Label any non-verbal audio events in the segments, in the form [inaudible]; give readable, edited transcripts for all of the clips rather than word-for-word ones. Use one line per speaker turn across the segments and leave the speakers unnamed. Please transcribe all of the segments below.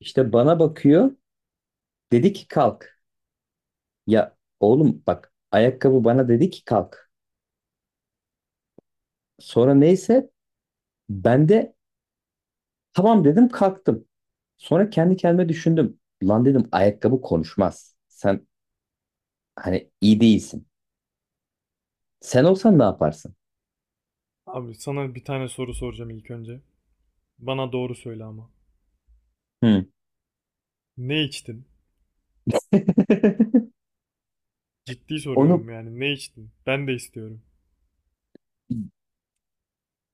İşte bana bakıyor. Dedi ki kalk. Ya oğlum bak ayakkabı bana dedi ki kalk. Sonra neyse ben de tamam dedim kalktım. Sonra kendi kendime düşündüm. Lan dedim ayakkabı konuşmaz. Sen hani iyi değilsin. Sen olsan ne yaparsın?
Abi sana bir tane soru soracağım ilk önce. Bana doğru söyle ama.
Hı.
Ne içtin?
[laughs]
Ciddi
Onu
soruyorum yani ne içtin? Ben de istiyorum.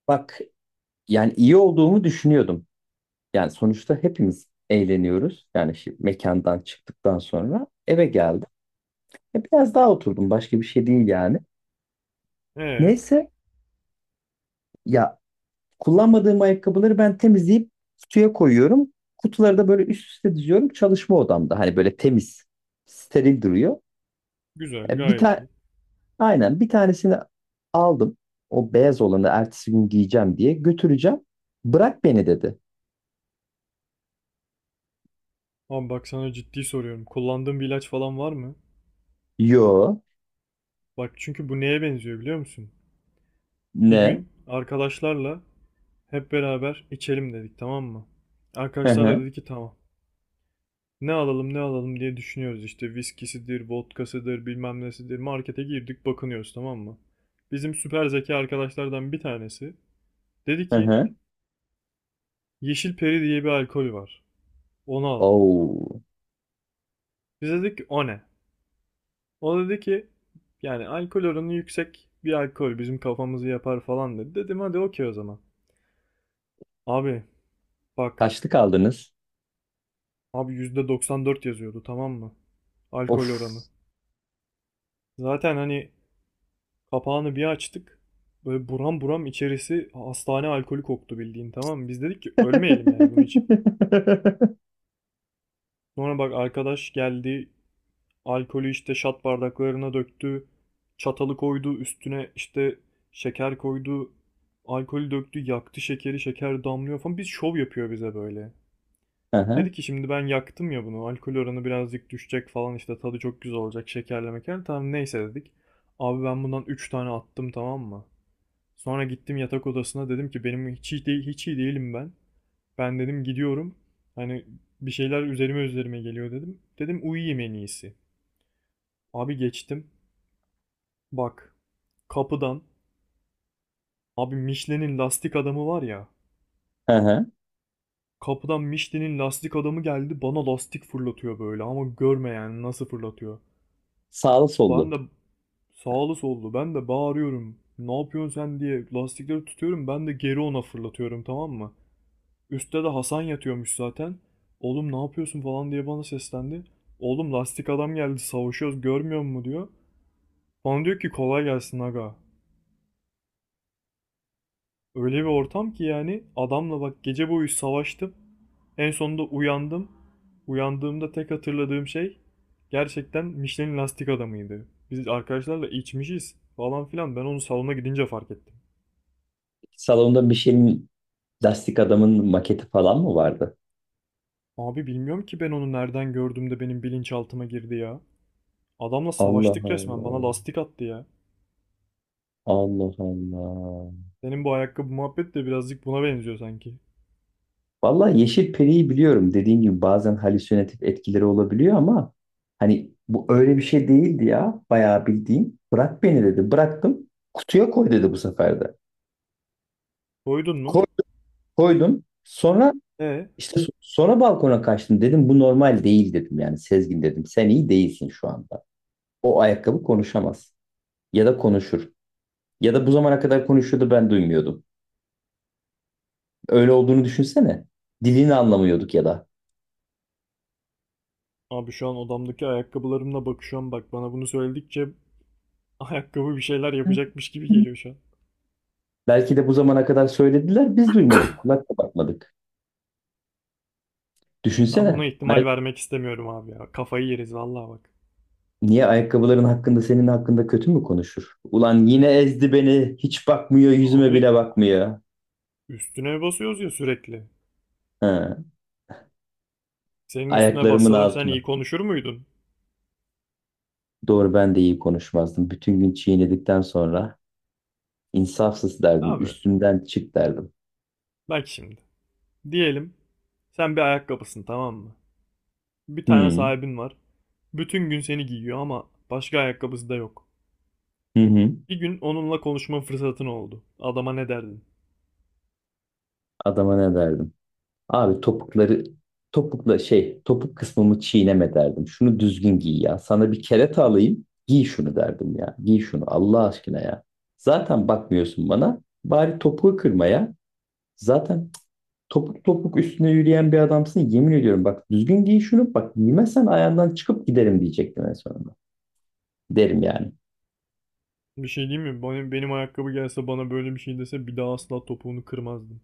bak yani iyi olduğumu düşünüyordum. Yani sonuçta hepimiz eğleniyoruz. Yani şimdi mekandan çıktıktan sonra eve geldim. Biraz daha oturdum. Başka bir şey değil yani.
Ee,
Neyse ya, kullanmadığım ayakkabıları ben temizleyip kutuya koyuyorum. Kutuları da böyle üst üste diziyorum çalışma odamda. Hani böyle temiz, steril duruyor.
güzel
Bir
gayet
tane,
iyi.
aynen, bir tanesini aldım. O beyaz olanı ertesi gün giyeceğim diye götüreceğim. Bırak beni dedi.
Ama bak sana ciddi soruyorum. Kullandığın bir ilaç falan var mı?
Yo,
Bak çünkü bu neye benziyor biliyor musun? Bir
ne?
gün arkadaşlarla hep beraber içelim dedik, tamam mı?
Hı
Arkadaşlar da
hı,
dedi ki tamam. Ne alalım ne alalım diye düşünüyoruz işte, viskisidir, vodkasıdır, bilmem nesidir. Markete girdik, bakınıyoruz, tamam mı? Bizim süper zeki arkadaşlardan bir tanesi dedi
hı
ki
hı.
yeşil peri diye bir alkol var. Onu alalım.
Oo,
Biz dedik ki o ne? O dedi ki yani alkol oranı yüksek bir alkol, bizim kafamızı yapar falan dedi. Dedim hadi okey o zaman. Abi bak
kaçlı kaldınız?
abi, %94 yazıyordu tamam mı? Alkol
Of.
oranı. Zaten hani kapağını bir açtık. Böyle buram buram içerisi hastane alkolü koktu bildiğin, tamam mı? Biz dedik ki ölmeyelim yani bunu içip.
[laughs]
Sonra bak arkadaş geldi, alkolü işte şat bardaklarına döktü. Çatalı koydu üstüne, işte şeker koydu. Alkolü döktü, yaktı şekeri, şeker damlıyor falan, biz şov yapıyor bize böyle.
Hı
Dedi
hı,
ki şimdi ben yaktım ya bunu. Alkol oranı birazcık düşecek falan işte, tadı çok güzel olacak şekerle meker. Tamam neyse dedik. Abi ben bundan 3 tane attım, tamam mı? Sonra gittim yatak odasına, dedim ki benim hiç iyi, değil, hiç iyi değilim ben. Ben dedim gidiyorum. Hani bir şeyler üzerime üzerime geliyor dedim. Dedim uyuyayım en iyisi. Abi geçtim. Bak, kapıdan, abi Michelin'in lastik adamı var ya.
hı hı.
Kapıdan Michelin'in lastik adamı geldi, bana lastik fırlatıyor böyle ama görme yani nasıl fırlatıyor.
Sağlı
Ben
sollu.
de sağlı sollu, ben de bağırıyorum. Ne yapıyorsun sen diye lastikleri tutuyorum, ben de geri ona fırlatıyorum, tamam mı? Üstte de Hasan yatıyormuş zaten. Oğlum ne yapıyorsun falan diye bana seslendi. Oğlum lastik adam geldi, savaşıyoruz, görmüyor musun diyor. Bana diyor ki kolay gelsin aga. Öyle bir ortam ki yani, adamla bak gece boyu savaştım. En sonunda uyandım. Uyandığımda tek hatırladığım şey gerçekten Michelin lastik adamıydı. Biz arkadaşlarla içmişiz falan filan. Ben onu salona gidince fark ettim.
Salonda bir şeyin, Lastik Adam'ın maketi falan mı vardı?
Abi bilmiyorum ki ben onu nereden gördüm de benim bilinçaltıma girdi ya. Adamla
Allah
savaştık resmen. Bana
Allah.
lastik attı ya.
Allah Allah.
Senin bu ayakkabı muhabbet de birazcık buna benziyor sanki.
Vallahi Yeşil Peri'yi biliyorum. Dediğin gibi bazen halüsinatif etkileri olabiliyor ama hani bu öyle bir şey değildi ya. Bayağı bildiğin. Bırak beni dedi. Bıraktım. Kutuya koy dedi bu sefer de.
Koydun mu?
Koy- Koydum. Sonra
E
işte sonra balkona kaçtım. Dedim bu normal değil dedim. Yani Sezgin dedim. Sen iyi değilsin şu anda. O ayakkabı konuşamaz. Ya da konuşur. Ya da bu zamana kadar konuşuyordu ben duymuyordum. Öyle olduğunu düşünsene. Dilini anlamıyorduk ya da.
Abi şu an odamdaki ayakkabılarımla bakışıyorum. Bak, bana bunu söyledikçe ayakkabı bir şeyler yapacakmış gibi geliyor şu an.
Belki de bu zamana kadar söylediler, biz duymadık, kulakla bakmadık.
Ben buna
Düşünsene.
ihtimal vermek istemiyorum abi ya. Kafayı yeriz vallahi bak.
Niye ayakkabıların hakkında senin hakkında kötü mü konuşur? Ulan yine ezdi beni, hiç bakmıyor, yüzüme bile
Abi
bakmıyor.
üstüne basıyoruz ya sürekli.
Ha,
Senin üstüne
ayaklarımın
bassalar sen
altına.
iyi konuşur muydun?
Doğru ben de iyi konuşmazdım. Bütün gün çiğnedikten sonra insafsız derdim,
Abi
üstümden çık derdim.
bak şimdi. Diyelim sen bir ayakkabısın, tamam mı? Bir tane
Hı,
sahibin var. Bütün gün seni giyiyor ama başka ayakkabısı da yok.
hı, hı.
Bir gün onunla konuşma fırsatın oldu. Adama ne derdin?
Adama ne derdim? Abi topukları, topukla şey, topuk kısmımı çiğneme derdim. Şunu düzgün giy ya. Sana bir kereta alayım giy şunu derdim ya. Giy şunu Allah aşkına ya. Zaten bakmıyorsun bana. Bari topuğu kırma ya. Zaten topuk topuk üstüne yürüyen bir adamsın. Yemin ediyorum bak düzgün giy şunu. Bak giymezsen ayağından çıkıp giderim diyecektim en sonunda. Derim yani.
Bir şey diyeyim mi? Benim, benim ayakkabı gelse bana böyle bir şey dese bir daha asla topuğunu kırmazdım.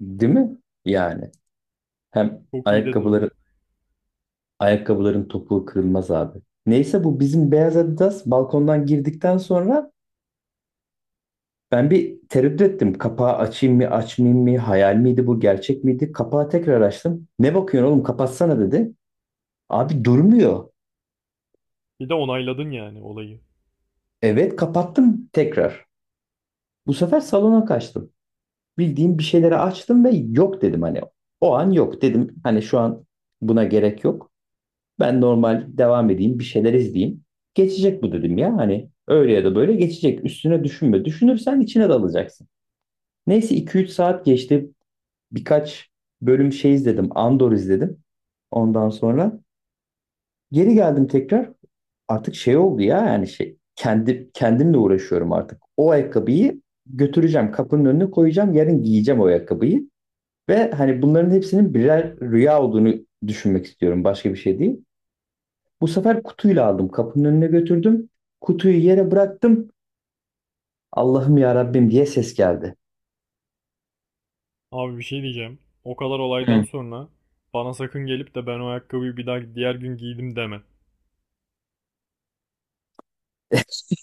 Değil mi? Yani. Hem
Çok iyi dedin
ayakkabıları,
onu.
ayakkabıların topuğu kırılmaz abi. Neyse bu bizim beyaz Adidas balkondan girdikten sonra ben bir tereddüt ettim. Kapağı açayım mı, açmayayım mı? Hayal miydi bu, gerçek miydi? Kapağı tekrar açtım. Ne bakıyorsun oğlum, kapatsana dedi. Abi durmuyor.
Bir de onayladın yani olayı.
Evet, kapattım tekrar. Bu sefer salona kaçtım. Bildiğim bir şeyleri açtım ve yok dedim hani. O an yok dedim. Hani şu an buna gerek yok. Ben normal devam edeyim, bir şeyler izleyeyim. Geçecek bu dedim ya hani. Öyle ya da böyle geçecek. Üstüne düşünme. Düşünürsen içine dalacaksın. Neyse iki üç saat geçti. Birkaç bölüm şey izledim. Andor izledim. Ondan sonra geri geldim tekrar. Artık şey oldu ya, yani şey, kendi kendimle uğraşıyorum artık. O ayakkabıyı götüreceğim, kapının önüne koyacağım, yarın giyeceğim o ayakkabıyı ve hani bunların hepsinin birer rüya olduğunu düşünmek istiyorum. Başka bir şey değil. Bu sefer kutuyla aldım, kapının önüne götürdüm. Kutuyu yere bıraktım. Allah'ım ya Rabbim diye ses geldi.
Abi bir şey diyeceğim. O kadar olaydan
Hı.
sonra bana sakın gelip de ben o ayakkabıyı bir daha diğer gün giydim deme.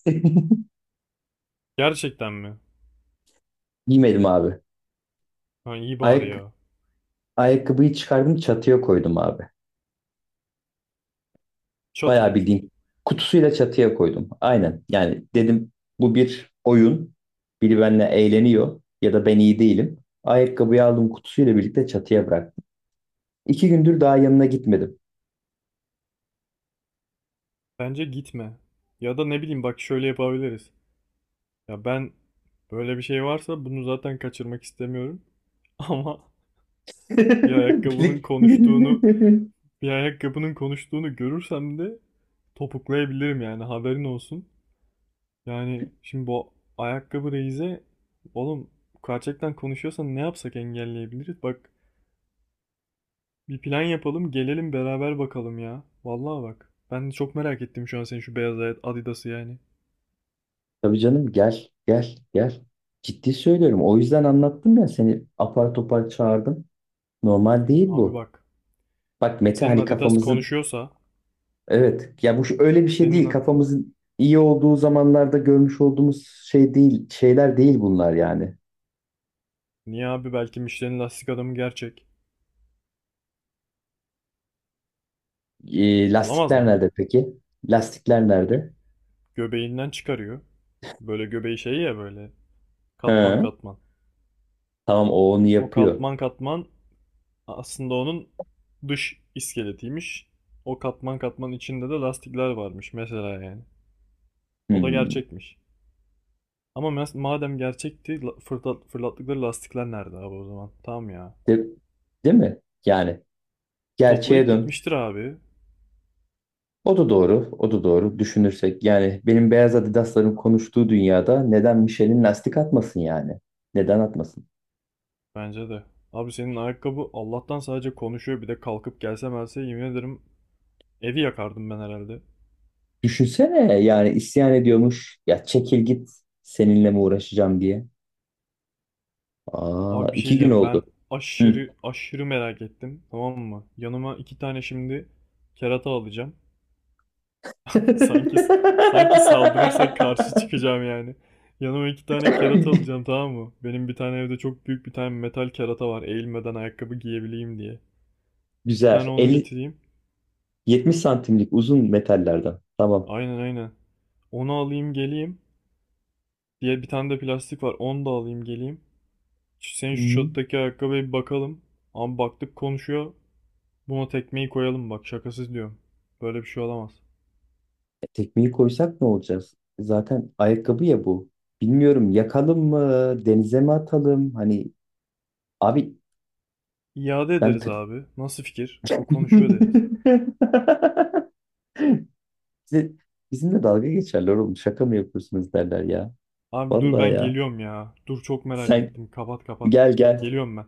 [laughs]
Gerçekten mi?
Giymedim abi.
Ha, iyi bari ya.
Ayak Ayakkabıyı çıkardım, çatıya koydum abi. Bayağı
Çatıya.
bildiğin kutusuyla çatıya koydum. Aynen. Yani dedim bu bir oyun. Biri benimle eğleniyor ya da ben iyi değilim. Ayakkabıyı aldım kutusuyla birlikte çatıya bıraktım. İki gündür daha yanına gitmedim.
Bence gitme. Ya da ne bileyim, bak şöyle yapabiliriz. Ya ben, böyle bir şey varsa bunu zaten kaçırmak istemiyorum. [laughs] Ama bir
[laughs]
ayakkabının
Bilik.
konuştuğunu, bir ayakkabının konuştuğunu görürsem de topuklayabilirim yani, haberin olsun. Yani şimdi bu ayakkabı reize, oğlum, gerçekten konuşuyorsan ne yapsak engelleyebiliriz? Bak bir plan yapalım, gelelim beraber bakalım ya. Vallahi bak, ben de çok merak ettim şu an senin şu beyaz Adidas'ı yani.
Tabii canım, gel gel gel. Ciddi söylüyorum. O yüzden anlattım ya, seni apar topar çağırdım. Normal değil
Abi
bu.
bak,
Bak Mete
senin
hani
Adidas
kafamızın...
konuşuyorsa
Evet. Ya bu öyle bir şey değil.
senin,
Kafamızın iyi olduğu zamanlarda görmüş olduğumuz şey değil, şeyler değil bunlar yani.
niye abi, belki Michelin lastik adamı gerçek. Olamaz
Lastikler
mı?
nerede peki? Lastikler
Gö-
nerede?
Göbeğinden çıkarıyor. Böyle göbeği şey ya, böyle katman
He.
katman.
Tamam o onu
O
yapıyor.
katman katman aslında onun dış iskeletiymiş. O katman katman içinde de lastikler varmış mesela yani. O da
Hmm.
gerçekmiş. Ama madem gerçekti, fırlattıkları lastikler nerede abi o zaman? Tamam ya.
De- değil mi? Yani gerçeğe
Toplayıp
dön.
gitmiştir abi.
O da doğru. O da doğru. Düşünürsek yani benim beyaz Adidas'ların konuştuğu dünyada neden Michelin lastik atmasın yani? Neden atmasın?
Bence de. Abi senin ayakkabı Allah'tan sadece konuşuyor, bir de kalkıp gelse melse yemin ederim evi yakardım ben herhalde.
Düşünsene yani isyan ediyormuş. Ya çekil git, seninle mi uğraşacağım diye. Aa,
Abi bir şey
iki gün
diyeceğim,
oldu.
ben
Hı.
aşırı aşırı merak ettim, tamam mı? Yanıma iki tane şimdi kerata alacağım. Sanki sanki saldırırsak karşı
[laughs]
çıkacağım yani. Yanıma iki tane kerata alacağım, tamam mı? Benim bir tane evde çok büyük bir tane metal kerata var. Eğilmeden ayakkabı giyebileyim diye. Bir
Güzel.
tane onu
50,
getireyim.
70 santimlik uzun metallerden. Tamam.
Aynen aynen. Onu alayım geleyim. Diye bir tane de plastik var. Onu da alayım geleyim. Senin
Hı
şu
hı.
şottaki ayakkabıya bir bakalım. Ama baktık konuşuyor. Buna tekmeyi koyalım, bak şakasız diyorum. Böyle bir şey olamaz.
E, tekmeyi koysak ne olacağız? Zaten ayakkabı ya bu. Bilmiyorum yakalım mı, denize mi atalım? Hani abi
İade
ben
ederiz
tır...
abi. Nasıl fikir? Bu konuşuyor deriz.
[laughs] Bize- bizimle dalga geçerler oğlum. Şaka mı yapıyorsunuz derler ya.
Abi dur
Vallahi
ben
ya.
geliyorum ya. Dur çok merak
Sen
ettim. Kapat kapat.
gel gel.
Geliyorum ben.